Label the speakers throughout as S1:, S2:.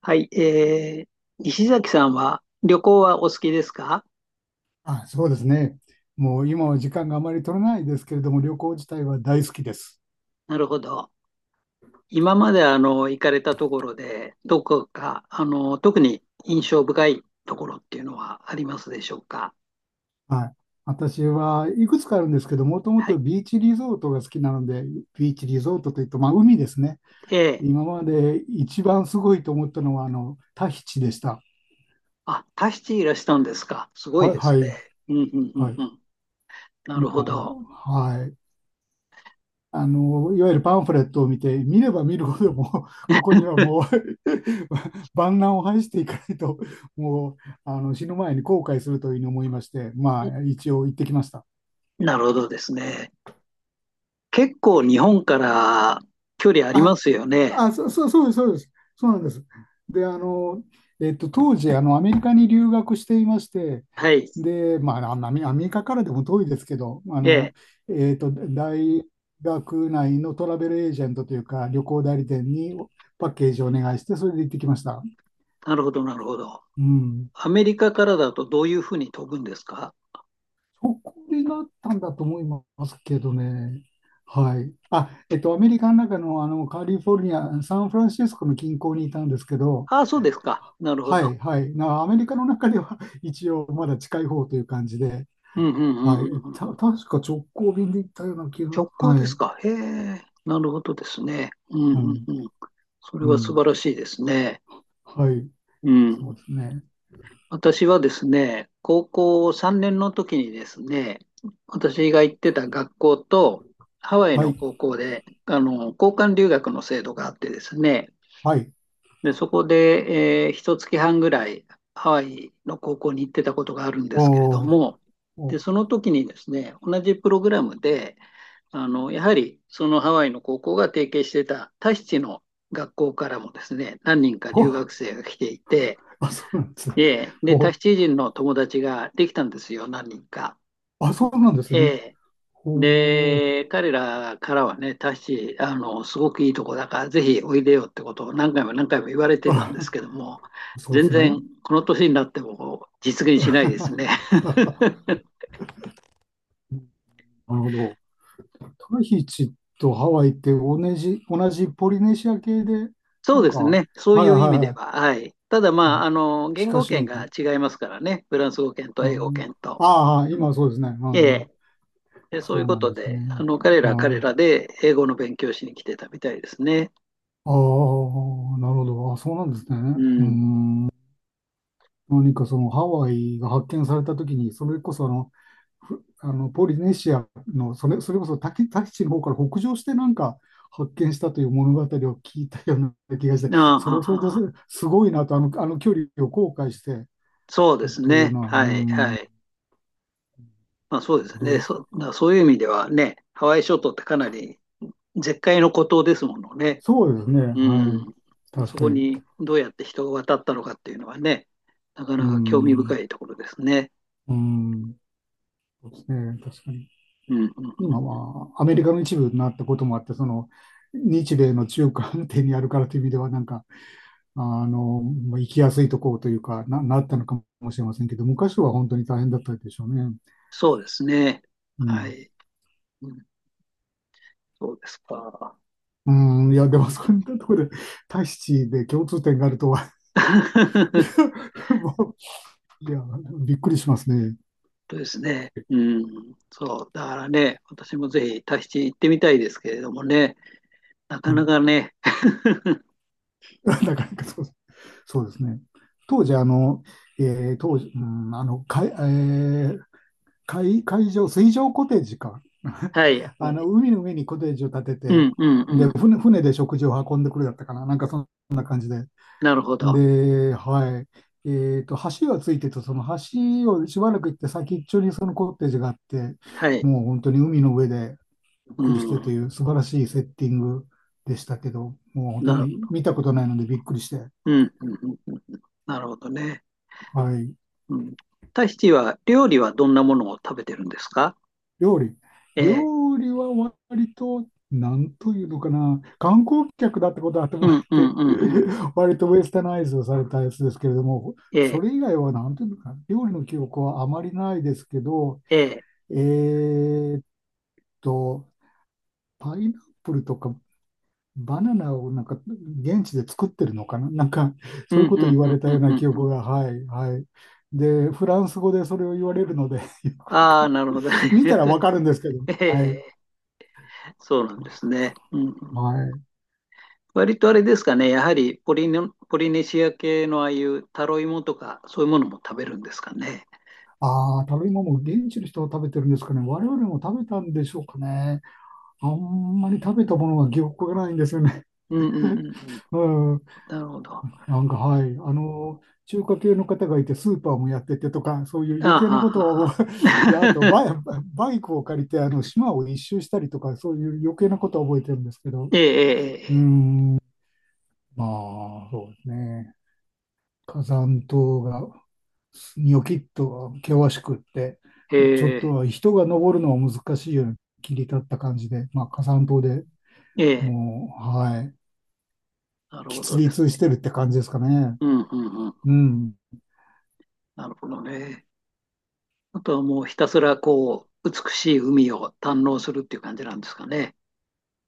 S1: はい、西崎さんは旅行はお好きですか？
S2: あ、そうですね。もう今は時間があまり取れないですけれども、旅行自体は大好きです。
S1: なるほど。今まで行かれたところで、どこか特に印象深いところっていうのはありますでしょうか？
S2: はい。私はいくつかあるんですけど、もとも
S1: は
S2: と
S1: い。
S2: ビーチリゾートが好きなので、ビーチリゾートというと、まあ海ですね。
S1: ええ。
S2: 今まで一番すごいと思ったのは、タヒチでした。
S1: あ、タヒチいらしたんですか？すごい
S2: はい、
S1: で
S2: は
S1: すね。
S2: い、
S1: うんうんう
S2: は
S1: んう
S2: い。
S1: ん。なるほど。
S2: もう、はい。いわゆるパンフレットを見て、見れば見るほどもう、ここにはもう 万難を排していかないと、もう、あの、死ぬ前に後悔するというふうに思いまして、まあ、一応行ってきました。
S1: なるほどですね。結構日本から距離ありま
S2: あ、
S1: すよね。
S2: あ、そ、そそうです、そうです。そうなんです。で、当時、アメリカに留学していまして、
S1: はい。
S2: で、まあ、アメリカからでも遠いですけど、
S1: ええ。
S2: 大学内のトラベルエージェントというか、旅行代理店にパッケージをお願いして、それで行ってきました。
S1: なるほど、なるほど。
S2: うん。
S1: アメリカからだとどういうふうに飛ぶんですか？
S2: そこでなったんだと思いますけどね。はい。アメリカの中の、カリフォルニア、サンフランシスコの近郊にいたんですけど、
S1: ああ、そうですか。なるほ
S2: は
S1: ど。
S2: い、はい。アメリカの中では 一応まだ近い方という感じで、
S1: うんうんうん
S2: はい。
S1: うんうんうん。
S2: 確か直行便で行ったような気が、
S1: 直行
S2: は
S1: です
S2: い。
S1: か？へえ、なるほどですね。うん
S2: う
S1: うん
S2: ん、
S1: うん。それ
S2: う
S1: は素
S2: ん。
S1: 晴らしいですね。
S2: はい。
S1: う
S2: そ
S1: ん。
S2: うですね。
S1: 私はですね、高校3年の時にですね、私が行ってた学校とハワイ
S2: は
S1: の
S2: い、
S1: 高校で、交換留学の制度があってですね、
S2: はい。
S1: で、そこで、一月半ぐらいハワイの高校に行ってたことがあるんですけれど
S2: おー、
S1: も、で、
S2: お、
S1: その時にですね、同じプログラムで、やはりそのハワイの高校が提携してたタヒチの学校からもですね、何人か
S2: ほ、
S1: 留学生が来ていて、
S2: あ、そうなんですね。
S1: で、タヒ
S2: ほ、
S1: チ人の友達ができたんですよ、何人か。
S2: あ、そうなんです
S1: え
S2: ね。
S1: え。
S2: ほー、
S1: で、彼らからはね、タッシー、すごくいいとこだから、ぜひおいでよってことを何回も何回も言われ てたん
S2: あ、
S1: ですけども、
S2: そうで
S1: 全
S2: すね。
S1: 然この年になっても実現しないですね。
S2: な るほど。タヒチとハワイって同じポリネシア系で、
S1: そ
S2: な
S1: う
S2: ん
S1: です
S2: か、
S1: ね、そう
S2: はい
S1: いう
S2: は
S1: 意味
S2: いは
S1: では、
S2: い。
S1: はい。ただ、
S2: う
S1: まあ、
S2: ん、
S1: 言
S2: 近
S1: 語
S2: し
S1: 圏
S2: い。
S1: が違いますからね、フランス語圏と英語圏と。
S2: ああー、今そうですね。う
S1: え
S2: んうん、
S1: え。で、そうい
S2: そ
S1: う
S2: う
S1: こ
S2: なん
S1: と
S2: です
S1: で、
S2: ね。
S1: 彼らは彼ら
S2: あ
S1: で英語の勉強しに来てたみたいですね。
S2: あ、ああ、なるほど。あ、そうなんですね。
S1: う
S2: うー
S1: ん。
S2: ん、何かそのハワイが発見されたときに、それこそあの、ふあのポリネシアのそれこそタヒチの方から北上してなんか発見したという物語を聞いたような気がして、
S1: ああ、
S2: それ
S1: は
S2: はそ
S1: は
S2: れで
S1: は
S2: すごいなと、あの距離を後悔して
S1: そうです
S2: という
S1: ね、
S2: のは、うー
S1: はい、
S2: ん、
S1: はい。まあそうです
S2: 驚
S1: ね。
S2: く。
S1: だからそういう意味ではね、ハワイ諸島ってかなり絶海の孤島ですものね。
S2: そうですね。
S1: う
S2: はい。
S1: ん。
S2: 確
S1: そ
S2: か
S1: こ
S2: に。
S1: にどうやって人が渡ったのかっていうのはね、なか
S2: う
S1: なか興味
S2: ん、
S1: 深いところですね。
S2: うん、そうですね、確かに。
S1: うん、うん、
S2: 今
S1: うん。
S2: はアメリカの一部になったこともあって、その日米の中間点にあるからという意味では、なんか、まあ行きやすいところというかな、なったのかもしれませんけど、昔は本当に大変だったでしょうね。
S1: そうですね。
S2: う
S1: は
S2: ん。
S1: い。うん、そうですか。
S2: うん、いや、でもそういったところで、タヒチで共通点があるとは、もう、いや、びっくりしますね。
S1: そうですね。うん。そう。だからね、私もぜひタヒチ行ってみたいですけれどもね、な
S2: う
S1: かな
S2: ん、
S1: かね。
S2: なかなかそうですね。当時、あの、えー当時、うん、あの、かい、えー海、海上、水上コテージか。
S1: はい。はい。
S2: 海の上にコテージを建て
S1: う
S2: て、
S1: ん、うん、う
S2: で、
S1: ん。
S2: 船で食事を運んでくるだったかな。なんかそんな感じで。
S1: なるほど。
S2: で、はい。えっと、橋がついてて、その橋をしばらく行って先っちょにそのコテージがあって、
S1: はい。
S2: もう本当に海の上でゆっ
S1: う
S2: くりして
S1: ん。
S2: という素晴らしいセッティングでしたけど、もう本当
S1: なる、
S2: に見たことないのでびっくりして。
S1: うん、うん、うんうんなるほどね。
S2: はい。
S1: うん。タヒチは、料理はどんなものを食べてるんですか？
S2: 料理。
S1: ええ、
S2: 料理は割と、なんというのかな、観光客だってことは
S1: う
S2: 頭あっ
S1: ん、うん、
S2: て、
S1: うん、うん。
S2: 割とウェスタナイズをされたやつですけれども、
S1: え
S2: そ
S1: え、
S2: れ以外はなんというのかな、料理の記憶はあまりないですけど、
S1: ええ、
S2: えーっと、パイナップルとかバナナをなんか現地で作ってるのかな、なんか
S1: う
S2: そういう
S1: ん、
S2: こ
S1: う
S2: と
S1: ん、
S2: 言
S1: う
S2: わ
S1: ん、
S2: れた
S1: う
S2: よう
S1: ん、う
S2: な
S1: ん
S2: 記
S1: うん。
S2: 憶が、はい、はい。で、フランス語でそれを言われるので よくわ
S1: あ
S2: か
S1: あ、
S2: んない
S1: なるほど
S2: 見
S1: ね。
S2: たらわかるんですけど、
S1: え
S2: はい、
S1: え、そうなんですね。うんう
S2: は
S1: ん。
S2: い。
S1: 割とあれですかね、やはりポリネシア系のああいうタロイモとか、そういうものも食べるんですかね。
S2: ああ、食べ物、現地の人が食べてるんですかね。我々も食べたんでしょうかね。あんまり食べたものは記憶がないんですよね。
S1: うんうんうんうん。
S2: うん。
S1: なるほど。あ
S2: なんか、はい。中華系の方がいて、スーパーもやっててとか、そういう
S1: は
S2: 余計な
S1: は
S2: こ
S1: は
S2: とを
S1: は。
S2: で、あと バイ、バイクを借りて、島を一周したりとか、そういう余計なことは覚えてるんですけど。う
S1: ええ
S2: ん。まあ、そうですね。火山島がニョキッと険しくって、
S1: え
S2: ちょ
S1: え
S2: っ
S1: ええ
S2: と人が登るのは難しいような切り立った感じで、まあ、火山島で
S1: ええええ
S2: もう、はい、
S1: なるほ
S2: 喫
S1: どで
S2: 立
S1: す
S2: し
S1: ね。
S2: てるって感じですかね。
S1: うんうんうん。
S2: うん。
S1: なるほどね。あとはもうひたすらこう、美しい海を堪能するっていう感じなんですかね。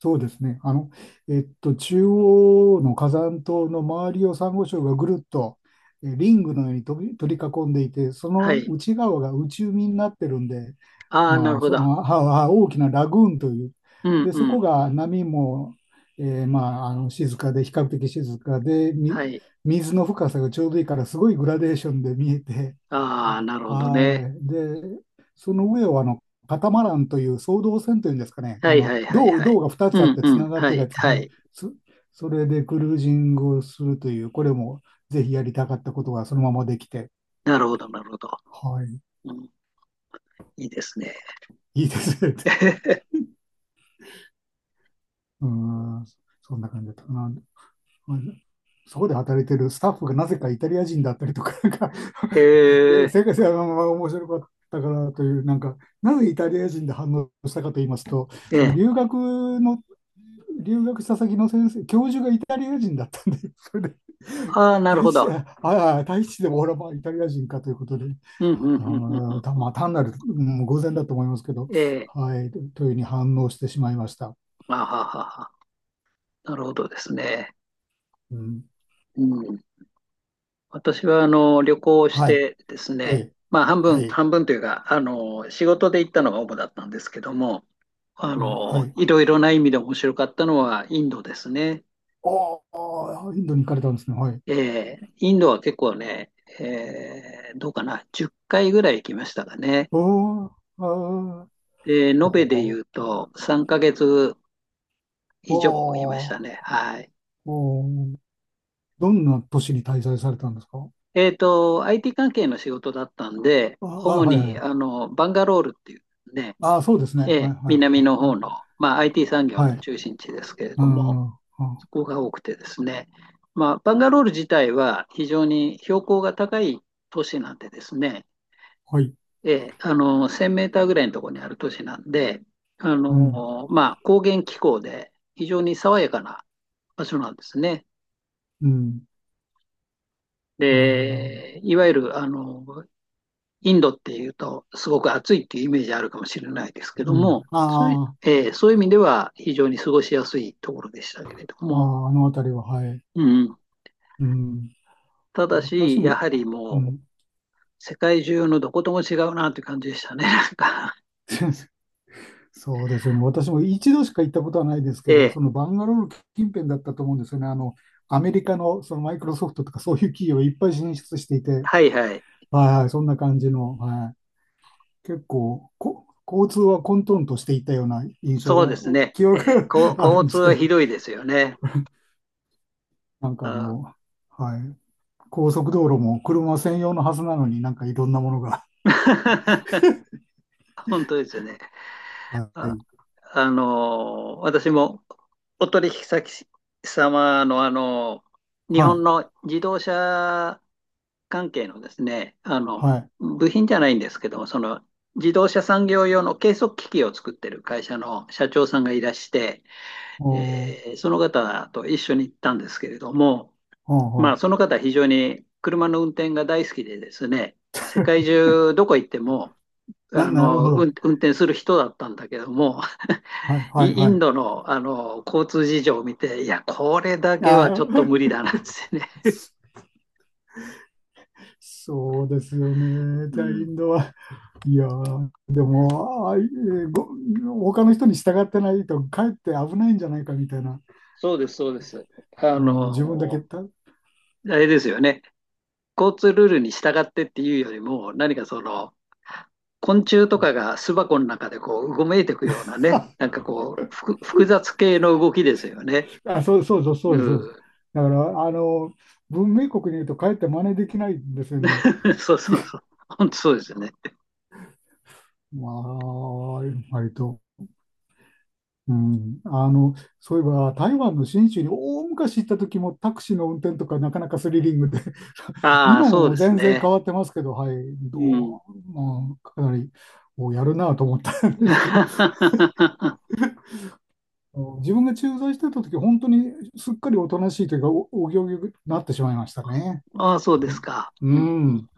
S2: そうですね。中央の火山島の周りをサンゴ礁がぐるっとリングのように取り囲んでいて、そ
S1: は
S2: の
S1: い。
S2: 内側が内海になってるんで、
S1: ああ、な
S2: ま
S1: る
S2: あ、
S1: ほ
S2: その
S1: ど。
S2: はは大きなラグーンという、
S1: うん
S2: で、
S1: う
S2: そこ
S1: ん。
S2: が波も、静かで、比較的静かで、
S1: はい。
S2: 水の深さがちょうどいいから、すごいグラデーションで見えて、
S1: ああ、なるほどね。
S2: はい。で、その上をカタマランという双胴船というんですかね、
S1: はいはいはいはい。
S2: 胴が2
S1: う
S2: つあっ
S1: ん
S2: て
S1: う
S2: つ
S1: ん。
S2: ながっ
S1: は
S2: てるや
S1: い
S2: つ、
S1: は
S2: はい、
S1: い。
S2: そ、それでクルージングをするという、これもぜひやりたかったことがそのままできて、
S1: なるほどなるほど。
S2: はい、
S1: うん、いいですね。
S2: いいですね。うーん、そんな感じだったかな。うんそこで働いてるスタッフがなぜかイタリア人だったりとか、なんか
S1: え
S2: いや、
S1: ー、
S2: 世界が面白かったからという、なんか、なぜイタリア人で反応したかと言いますと、
S1: え
S2: その
S1: え。
S2: 留学の留学した先の先生、教授がイタリア人だったんで、それで、
S1: ああ、なるほど。
S2: 大使でも俺はまあイタリア人かということで、
S1: うんうんうんうん
S2: ああ、た
S1: う
S2: まあ単なる、うん、偶然だと思いますけど、
S1: ん。ええ。
S2: はい、というふうに反応してしまいました。
S1: あははは。なるほどですね。
S2: うん、
S1: うん。私は旅行をし
S2: はい、
S1: てです
S2: え
S1: ね、
S2: え、
S1: まあ、半
S2: は
S1: 分、
S2: い、
S1: 半分というか、仕事で行ったのが主だったんですけども、
S2: うん、はい。
S1: いろいろな意味で面白かったのはインドですね。
S2: おお、インドに行かれたんですね。はい。
S1: インドは結構ね、どうかな、10回ぐらい行きましたかね。
S2: おーあー
S1: で、延べで
S2: おー、
S1: 言うと3ヶ月
S2: お
S1: 以上いました
S2: ー
S1: ね。はい。
S2: おー、どんな都市に滞在されたんですか
S1: IT 関係の仕事だったんで、
S2: ああ、
S1: 主
S2: はい
S1: に
S2: はい。
S1: バンガロールっていうね、
S2: ああ、そうですね。
S1: え
S2: は
S1: え、
S2: いはい
S1: 南の
S2: は
S1: 方の、
S2: い。
S1: まあ、IT 産業
S2: は
S1: の
S2: い
S1: 中心地ですけれ
S2: あ
S1: ども、
S2: あ、あ、
S1: そこが多くてですね、まあ、バンガロール自体は非常に標高が高い都市なんでですね、
S2: はい。
S1: ええ、1000メーターぐらいのところにある都市なんで、
S2: うん、
S1: まあ、高原気候で非常に爽やかな場所なんですね。
S2: うん。なるほど、なるほど。
S1: で、いわゆる、インドっていうと、すごく暑いっていうイメージあるかもしれないですけ
S2: う
S1: ど
S2: ん。
S1: も、そういう
S2: あ
S1: えーそういう意味では非常に過ごしやすいところでしたけれど
S2: あ、
S1: も、
S2: ああ、あのあたりは、はい。
S1: うん、
S2: うん。
S1: ただ
S2: 私
S1: し、
S2: も、
S1: やはり
S2: う
S1: も
S2: ん。
S1: う世界中のどことも違うなという感じでしたね、なんか。
S2: そうですよね。私も一度しか行ったことは ないですけ
S1: え
S2: ど、
S1: ー
S2: そのバンガロール近辺だったと思うんですよね。アメリカのそのマイクロソフトとかそういう企業いっぱい進出していて、
S1: はいはい、
S2: はいはい、そんな感じの、はい。結構、交通は混沌としていたような印象
S1: そうで
S2: が、
S1: すね、
S2: 記憶が ある
S1: 交
S2: んで
S1: 通
S2: すけ
S1: は
S2: ど、
S1: ひどいですよね。
S2: なんかあ
S1: あ。
S2: の、はい。高速道路も車専用のはずなのになんかいろんなものが。
S1: 本当ですよね。
S2: は
S1: あ、
S2: い。
S1: 私もお取引先様の、日
S2: は
S1: 本
S2: い。
S1: の自動車関係のですね、
S2: はい。
S1: 部品じゃないんですけども、その自動車産業用の計測機器を作ってる会社の社長さんがいらして、
S2: おー、
S1: その方と一緒に行ったんですけれども、
S2: ほう
S1: まあ、
S2: ほ
S1: その方は非常に車の運転が大好きでですね、世界中どこ行っても、
S2: う。なるほど。
S1: 運転する人だったんだけども、
S2: はい、はい、
S1: イ
S2: は
S1: ン
S2: い。
S1: ドの、あの交通事情を見て、いや、これだけ
S2: あ
S1: はちょっと無理
S2: ー
S1: だなっつってね。
S2: そうですよね。
S1: う
S2: じゃあ、イ
S1: ん、
S2: ンドは。いやー、でも、あー、えーご、他の人に従ってないと、かえって危ないんじゃないかみたいな。
S1: そうです、そうです。あ
S2: うん、自分だけ
S1: の
S2: た。
S1: あれですよね。交通ルールに従ってっていうよりも、何かその、昆虫とかが巣箱の中でこう、うごめいていくようなね、なんかこう、複雑系の動きですよね。
S2: あ、そうですそうです。
S1: うん。
S2: だから、文明国に言うと、かえって真似できないんですよね。
S1: そうそうそう。本当そうですよね。
S2: まあ、割と。うん、そういえば台湾の新州に大昔行った時もタクシーの運転とかなかなかスリリングで、
S1: ああ、
S2: 今
S1: そうで
S2: も
S1: す
S2: 全然
S1: ね。
S2: 変わってますけど、はい、
S1: う
S2: ど
S1: ん。
S2: まあ、かなりおやるなと思ったんですけど、自分が駐在してた時、本当にすっかりおとなしいというか、お行儀になってしまいましたね。
S1: ああ、そうですか。
S2: う
S1: うん。
S2: ん。